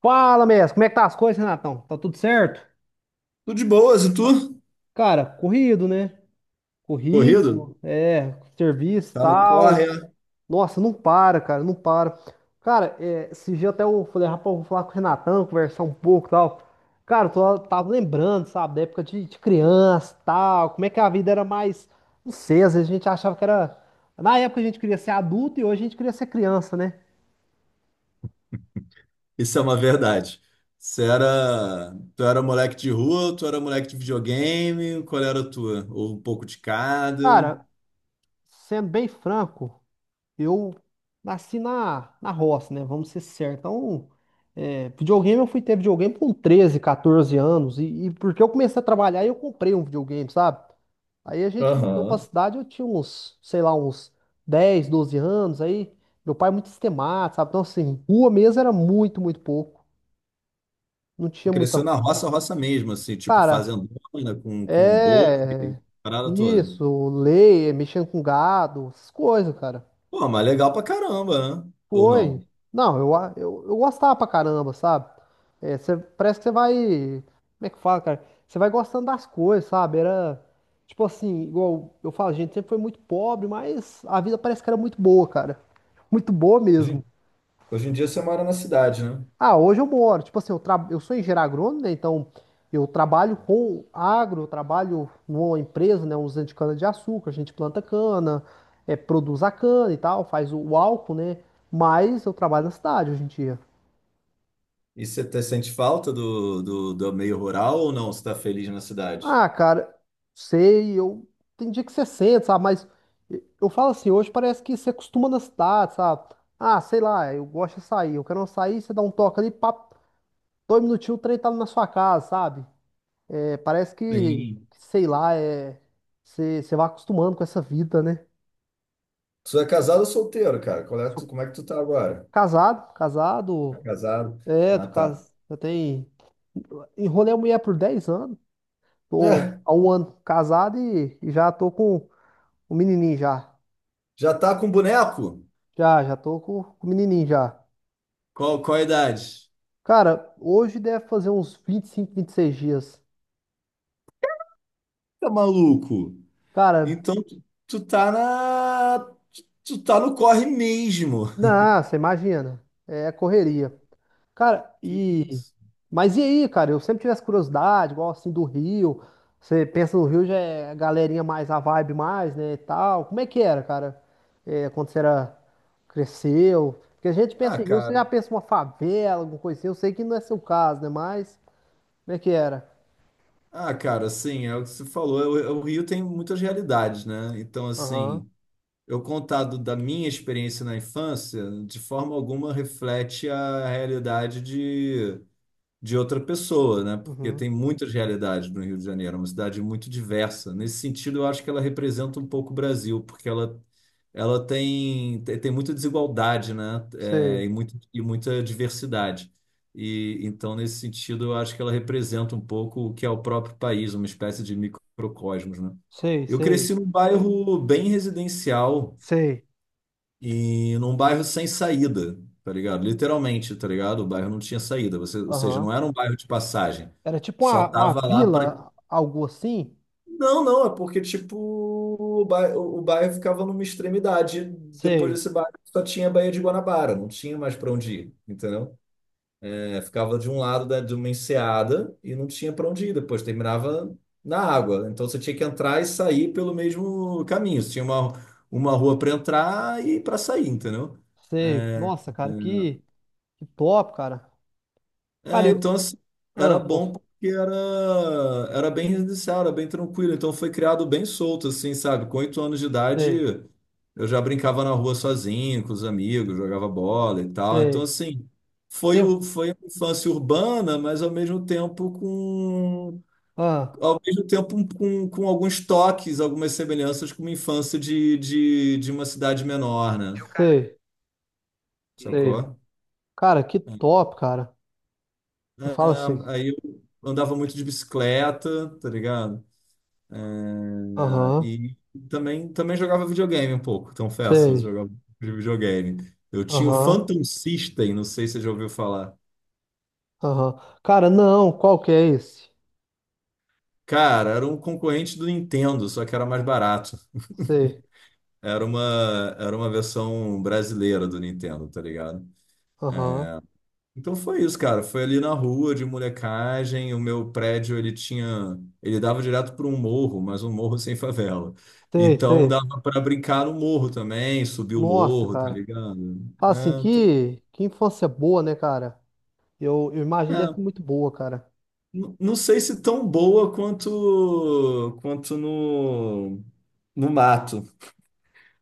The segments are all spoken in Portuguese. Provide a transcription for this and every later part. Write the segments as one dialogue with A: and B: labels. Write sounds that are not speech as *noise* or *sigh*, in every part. A: Fala, mestre, como é que tá as coisas, Renatão? Tá tudo certo?
B: Tudo de boas, e tu?
A: Cara, corrido, né?
B: Corrido?
A: Corrido, é, serviço,
B: Tá no corre?
A: tal.
B: É?
A: Nossa, não para, cara, não para. Cara, é, esse dia até eu falei, rapaz, eu vou falar com o Renatão, conversar um pouco, tal. Cara, eu tava lembrando, sabe, da época de criança, tal, como é que a vida era mais, não sei, às vezes a gente achava que era... Na época a gente queria ser adulto e hoje a gente queria ser criança, né?
B: Isso é uma verdade. Tu era moleque de rua, tu era moleque de videogame, qual era a tua? Ou um pouco de cada?
A: Cara, sendo bem franco, eu nasci na roça, né? Vamos ser sérios. Então, é, videogame, eu fui ter videogame com 13, 14 anos. E porque eu comecei a trabalhar, eu comprei um videogame, sabe? Aí a gente mudou pra
B: Aham.
A: cidade, eu tinha uns, sei lá, uns 10, 12 anos. Aí meu pai é muito sistemático, sabe? Então, assim, rua mesmo era muito, muito pouco. Não
B: Tu
A: tinha muita.
B: cresceu na roça, roça mesmo, assim, tipo
A: Cara,
B: fazendona, com boi,
A: é.
B: parada toda.
A: Isso, lei, mexendo com gado, essas coisas, cara.
B: Pô, mas legal pra caramba, né? Ou
A: Foi.
B: não?
A: Não, eu gostava pra caramba, sabe? É, parece que você vai. Como é que fala, cara? Você vai gostando das coisas, sabe? Era. Tipo assim, igual eu falo, a gente sempre foi muito pobre, mas a vida parece que era muito boa, cara. Muito boa
B: Hoje,
A: mesmo.
B: hoje em dia você mora na cidade, né?
A: Ah, hoje eu moro. Tipo assim, eu sou engenheiro agrônomo, né? Então eu trabalho com agro, eu trabalho numa empresa, né? Usando de cana-de-açúcar, a gente planta cana, é, produz a cana e tal, faz o álcool, né? Mas eu trabalho na cidade hoje em dia.
B: E você sente falta do meio rural ou não? Você tá feliz na cidade?
A: Ah, cara, sei, eu tem dia que você sente, sabe? Mas eu falo assim, hoje parece que você acostuma na cidade, sabe? Ah, sei lá, eu gosto de sair, eu quero uma sair, você dá um toque ali, papo, dois minutinhos, o trem tá na sua casa, sabe? É, parece que,
B: Sim.
A: sei lá, é, você vai acostumando com essa vida, né?
B: Tu é casado ou solteiro, cara?
A: Sou
B: Como é que tu tá agora?
A: casado,
B: Tá
A: casado,
B: casado?
A: é,
B: Ah,
A: tô
B: tá. *laughs*
A: casado, eu tenho, enrolei a mulher por 10 anos, tô
B: É,
A: há um ano casado e já tô com o menininho já.
B: já tá com boneco?
A: Já, já tô com o menininho já.
B: Qual, qual a idade?
A: Cara, hoje deve fazer uns 20 25 26 dias.
B: Tá maluco?
A: Cara,
B: Então tu, tu tá na. Tu tá no corre mesmo.
A: não, você imagina. É correria. Cara,
B: Que
A: e.
B: isso?
A: Mas e aí, cara? Eu sempre tive essa curiosidade, igual assim do Rio. Você pensa no Rio, já é a galerinha mais, a vibe mais, né? E tal. Como é que era, cara? É, quando você era. Cresceu. Porque a gente
B: Ah,
A: pensa em Rio, você já
B: cara.
A: pensa uma favela, alguma coisa assim. Eu sei que não é seu caso, né? Mas. Como é que era?
B: Ah, cara, assim, é o que você falou. É o Rio tem muitas realidades, né? Então,
A: Aham.
B: assim, eu contado da minha experiência na infância, de forma alguma reflete a realidade de outra pessoa, né? Porque
A: Uhum.
B: tem muitas realidades no Rio de Janeiro, é uma cidade muito diversa. Nesse sentido, eu acho que ela representa um pouco o Brasil, porque ela tem, tem muita desigualdade, né? É,
A: Sei.
B: e muita diversidade. E então, nesse sentido, eu acho que ela representa um pouco o que é o próprio país, uma espécie de microcosmos, né?
A: Sei,
B: Eu
A: sei,
B: cresci num bairro bem residencial
A: sei.
B: e num bairro sem saída, tá ligado? Literalmente, tá ligado? O bairro não tinha saída, você, ou seja,
A: Aham.
B: não era um bairro de passagem.
A: Era tipo
B: Só
A: uma
B: tava lá para.
A: vila, algo assim?
B: Não, não, é porque, tipo, o bairro ficava numa extremidade. Depois
A: Sei,
B: desse bairro só tinha a Baía de Guanabara, não tinha mais para onde ir, entendeu? É, ficava de um lado da, de uma enseada e não tinha para onde ir depois, terminava na água. Então você tinha que entrar e sair pelo mesmo caminho. Você tinha uma rua para entrar e para sair, entendeu?
A: sei.
B: É,
A: Nossa, cara,
B: é.
A: que, top, cara. Cara,
B: É,
A: eu.
B: então assim, era
A: Ah, pô,
B: bom porque era, era bem residencial, era bem tranquilo. Então foi criado bem solto, assim, sabe? Com 8 anos de idade,
A: sei,
B: eu já brincava na rua sozinho, com os amigos, jogava bola e tal. Então,
A: sei.
B: assim, foi,
A: Teve.
B: o, foi a infância urbana, mas ao mesmo tempo com.
A: Ah,
B: Ao mesmo tempo com, alguns toques, algumas semelhanças com uma infância de uma cidade menor, né?
A: sei, sei.
B: Sacou?
A: Cara, que top, cara. Eu falo
B: É,
A: assim.
B: aí eu andava muito de bicicleta, tá ligado?
A: Aham,
B: E também jogava videogame um pouco, confesso, eu
A: sei.
B: jogava de videogame. Eu tinha o
A: Aham,
B: Phantom System, não sei se você já ouviu falar.
A: aham. Cara, não, qual que é esse?
B: Cara, era um concorrente do Nintendo, só que era mais barato.
A: Sei,
B: Era uma versão brasileira do Nintendo, tá ligado?
A: aham,
B: Então foi isso, cara. Foi ali na rua de molecagem. O meu prédio, ele tinha. Ele dava direto para um morro, mas um morro sem favela.
A: sei,
B: Então
A: sei.
B: dava para brincar no morro também, subir o
A: Nossa,
B: morro, tá
A: cara.
B: ligado?
A: Fala
B: Né?
A: assim,
B: Então,
A: que infância boa, né, cara? Eu imagino deve ser
B: é.
A: muito boa, cara.
B: Não sei se tão boa quanto no mato.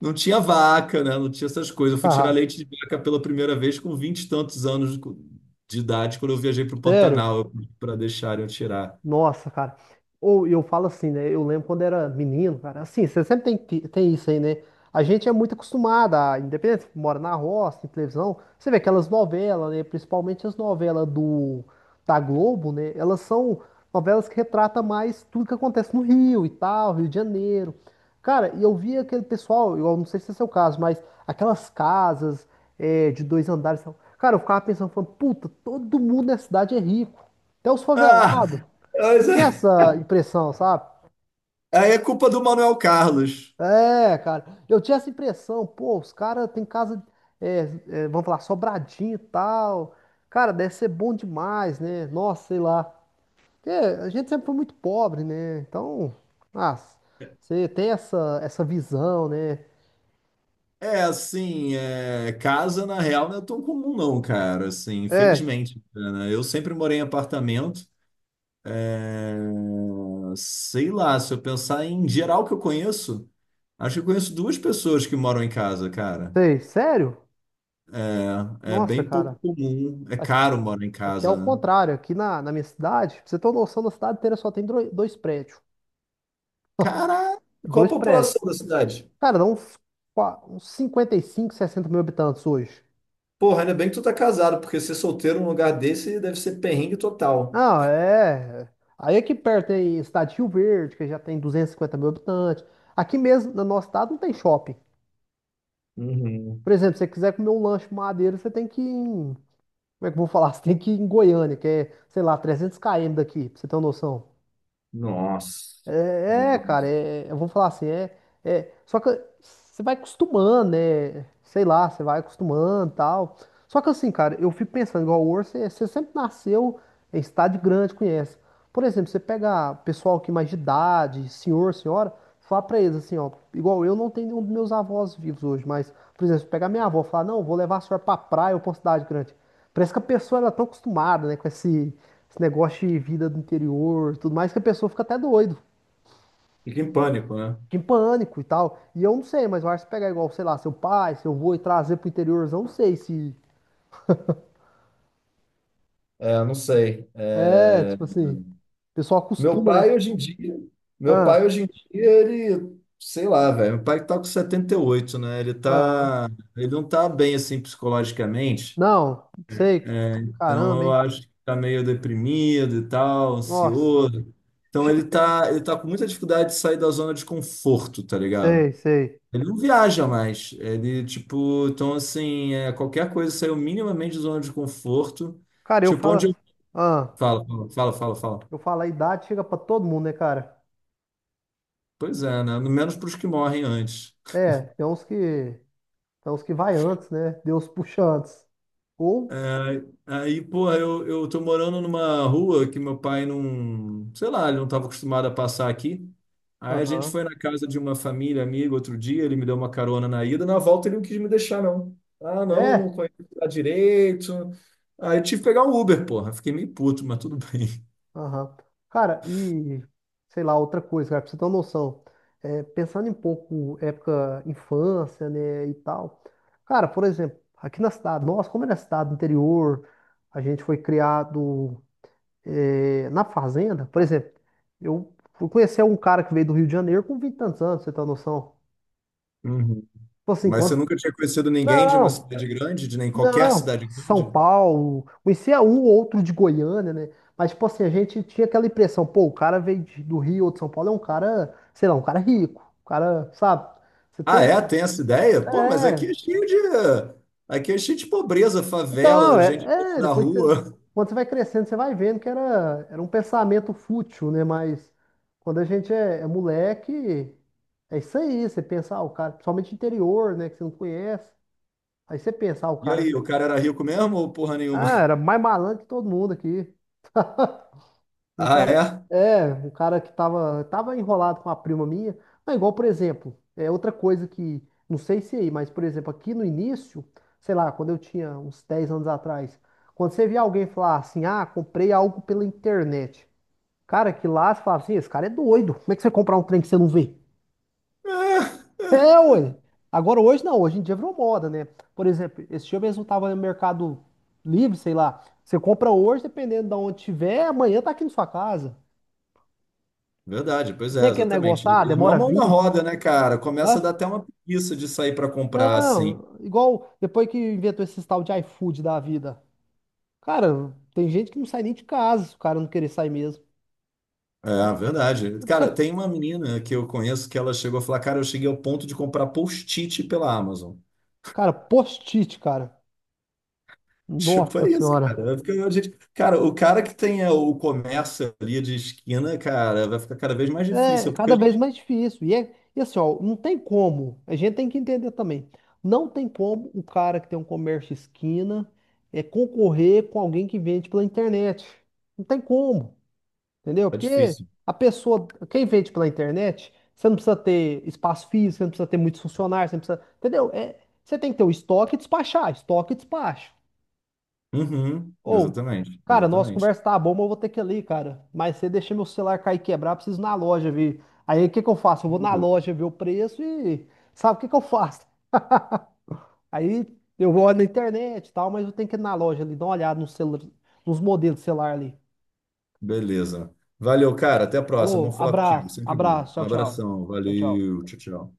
B: Não tinha vaca, né? Não tinha essas coisas.
A: *laughs*
B: Eu fui tirar
A: Haha,
B: leite de vaca pela primeira vez com vinte e tantos anos de idade, quando eu viajei para o
A: sério?
B: Pantanal para deixarem eu tirar.
A: Nossa, cara. Ou eu falo assim, né? Eu lembro quando era menino, cara. Assim, você sempre tem isso aí, né? A gente é muito acostumado, a, independente, mora na roça, em televisão. Você vê aquelas novelas, né? Principalmente as novelas da Globo, né? Elas são novelas que retratam mais tudo que acontece no Rio e tal, Rio de Janeiro. Cara, e eu via aquele pessoal, eu não sei se é seu caso, mas aquelas casas é, de dois andares. Cara, eu ficava pensando, falando, puta, todo mundo na cidade é rico. Até os
B: Ah,
A: favelados. Eu
B: mas
A: tinha
B: é-
A: essa impressão, sabe?
B: aí é culpa do Manuel Carlos.
A: É, cara. Eu tinha essa impressão, pô, os caras têm casa, é, é, vamos falar, sobradinho e tal. Cara, deve ser bom demais, né? Nossa, sei lá. Porque a gente sempre foi muito pobre, né? Então, ah, você tem essa visão, né?
B: É assim, é, casa na real não é tão comum não, cara. Assim,
A: É,
B: infelizmente, né? Eu sempre morei em apartamento. É, sei lá, se eu pensar em geral que eu conheço, acho que eu conheço duas pessoas que moram em casa, cara.
A: sei, sério?
B: É é
A: Nossa,
B: bem pouco
A: cara.
B: comum. É
A: A-
B: caro morar em
A: Aqui é o
B: casa, né?
A: contrário. Aqui na minha cidade, pra você ter uma noção, na cidade inteira só tem dois prédios. *laughs*
B: Cara, qual a
A: Dois prédios.
B: população da cidade?
A: Cara, dá uns 55, 60 mil habitantes hoje.
B: Porra, ainda bem que tu tá casado, porque ser solteiro num lugar desse deve ser perrengue total.
A: Não, é. Aí aqui perto tem estado de Rio Verde, que já tem 250 mil habitantes. Aqui mesmo, no nosso estado, não tem shopping.
B: Uhum.
A: Por exemplo, se você quiser comer um lanche madeira, você tem que ir em... Como é que eu vou falar? *laughs* Você tem que ir em Goiânia, que é, sei lá, 300 km daqui, pra você ter uma noção.
B: Nossa.
A: É, é, cara,
B: Nossa.
A: eu vou falar assim, é, é, só que você vai acostumando, né? Sei lá, você vai acostumando e tal. Só que assim, cara, eu fico pensando, igual o Orso, você sempre nasceu em cidade grande, conhece. Por exemplo, você pega pessoal que é mais de idade, senhor, senhora, fala pra eles assim, ó, igual eu não tenho nenhum dos meus avós vivos hoje, mas, por exemplo, se pegar minha avó e falar, não, vou levar a senhora pra praia ou pra uma cidade grande. Parece que a pessoa ela é tão acostumada, né, com esse negócio de vida do interior, e tudo mais, que a pessoa fica até doido.
B: Fica em pânico, né?
A: Fica em pânico e tal. E eu não sei, mas eu acho que se pegar igual, sei lá, seu pai, seu avô e trazer pro interiorzão, não sei se.
B: É, não sei.
A: É,
B: É...
A: tipo assim, o pessoal
B: Meu
A: acostuma, né?
B: pai hoje em dia, meu pai
A: Ah,
B: hoje em dia, ele, sei lá, velho, meu pai tá com 78, né? Ele
A: ah,
B: tá, ele não tá bem assim psicologicamente.
A: não, sei.
B: Né? Então
A: Caramba,
B: eu
A: hein?
B: acho que tá meio deprimido e tal,
A: Nossa,
B: ansioso. Então ele tá com muita dificuldade de sair da zona de conforto, tá ligado?
A: sei, sei.
B: Ele não viaja mais. Ele, tipo, então assim, é, qualquer coisa saiu minimamente da zona de conforto.
A: Cara, eu
B: Tipo,
A: falo.
B: onde eu...
A: Ah,
B: Fala, fala, fala, fala, fala.
A: eu falo, a idade chega pra todo mundo, né, cara?
B: Pois é, né? No menos para os que morrem antes.
A: É, tem uns que. Tem uns que vai antes, né? Deus puxa antes. Ou.
B: Aí, porra, eu tô morando numa rua que meu pai não, sei lá, ele não estava acostumado a passar aqui. Aí a gente
A: Aham.
B: foi na casa de uma família, amigo, outro dia, ele me deu uma carona na ida, na volta ele não quis me deixar, não. Ah, não, não
A: É,
B: conheço lá direito. Aí eu tive que pegar um Uber, porra. Fiquei meio puto, mas tudo bem.
A: aham. Cara, e sei lá, outra coisa, cara, pra você ter uma noção, é, pensando em pouco época infância, né, e tal. Cara, por exemplo, aqui na cidade, nossa, como é na cidade do interior, a gente foi criado é, na fazenda, por exemplo, eu fui conhecer um cara que veio do Rio de Janeiro com 20 e tantos anos, pra você tem uma noção?
B: Uhum.
A: Tipo assim,
B: Mas você
A: quanto.
B: nunca tinha conhecido ninguém de uma
A: Não!
B: cidade grande, de nem qualquer
A: Não,
B: cidade
A: São
B: grande?
A: Paulo, conhecia um ou outro de Goiânia, né? Mas, tipo assim, a gente tinha aquela impressão, pô, o cara veio do Rio ou de São Paulo, é um cara, sei lá, um cara rico, um cara, sabe? Você
B: Ah,
A: tem?
B: é? Tem essa ideia? Pô, mas aqui
A: É.
B: é cheio de. Aqui é cheio de pobreza,
A: Então,
B: favela, gente
A: é, é,
B: na
A: depois que,
B: rua.
A: quando você vai crescendo, você vai vendo que era um pensamento fútil, né? Mas quando a gente é moleque, é isso aí, você pensa, ah, o cara, principalmente interior, né, que você não conhece, aí você pensa, ah, o
B: E
A: cara,
B: aí, o cara era rico mesmo ou porra nenhuma?
A: ah,
B: *laughs*
A: era mais malandro que todo mundo aqui. Um
B: Ah,
A: cara,
B: é?
A: é, um cara que tava enrolado com a prima minha. Não, igual, por exemplo, é outra coisa que, não sei se é aí, mas, por exemplo, aqui no início, sei lá, quando eu tinha uns 10 anos atrás, quando você via alguém falar assim, ah, comprei algo pela internet. Cara, que lá você falava assim, esse cara é doido. Como é que você vai comprar um trem que você não vê?
B: É, é.
A: É, ué. Agora, hoje não, hoje em dia virou moda, né? Por exemplo, esse dia mesmo eu tava no Mercado Livre, sei lá. Você compra hoje, dependendo de onde tiver, amanhã tá aqui na sua casa.
B: Verdade, pois
A: Tem
B: é,
A: aquele
B: exatamente.
A: negócio, ah,
B: Irmão
A: demora
B: mão uma
A: 20.
B: roda, né, cara? Começa a
A: Hã?
B: dar até uma preguiça de sair para comprar, assim.
A: Não, igual depois que inventou esse tal de iFood da vida. Cara, tem gente que não sai nem de casa, se o cara não querer sair mesmo.
B: É, verdade.
A: Isso
B: Cara,
A: é,
B: tem uma menina que eu conheço que ela chegou a falar, cara, eu cheguei ao ponto de comprar post-it pela Amazon. *laughs*
A: cara, post-it, cara.
B: Tipo,
A: Nossa
B: é isso, cara.
A: senhora.
B: Eu fico- a gente- Cara, o cara que tem é, o comércio ali de esquina, cara, vai ficar cada vez mais
A: É
B: difícil, porque a
A: cada vez
B: gente...
A: mais difícil. E, é, e assim, ó, não tem como. A gente tem que entender também. Não tem como o cara que tem um comércio esquina é concorrer com alguém que vende pela internet. Não tem como. Entendeu?
B: Tá
A: Porque
B: difícil.
A: a pessoa, quem vende pela internet, você não precisa ter espaço físico, você não precisa ter muitos funcionários, você não precisa, entendeu? É, você tem que ter o estoque e despachar, estoque e despacho.
B: Uhum,
A: Ou,
B: exatamente,
A: cara, nossa
B: exatamente.
A: conversa tá boa, mas eu vou ter que ir ali, cara. Mas você deixa meu celular cair e quebrar, preciso ir na loja ver. Aí o que que eu faço? Eu vou na loja ver o preço e sabe o que que eu faço? Aí eu vou na internet e tal, mas eu tenho que ir na loja ali, dar uma olhada nos modelos de celular ali.
B: Beleza. Valeu, cara. Até a próxima.
A: Falou,
B: Vamos falar contigo.
A: abraço,
B: Sempre bom.
A: abraço,
B: Um
A: tchau, tchau.
B: abração.
A: Tchau, tchau.
B: Valeu. Tchau, tchau.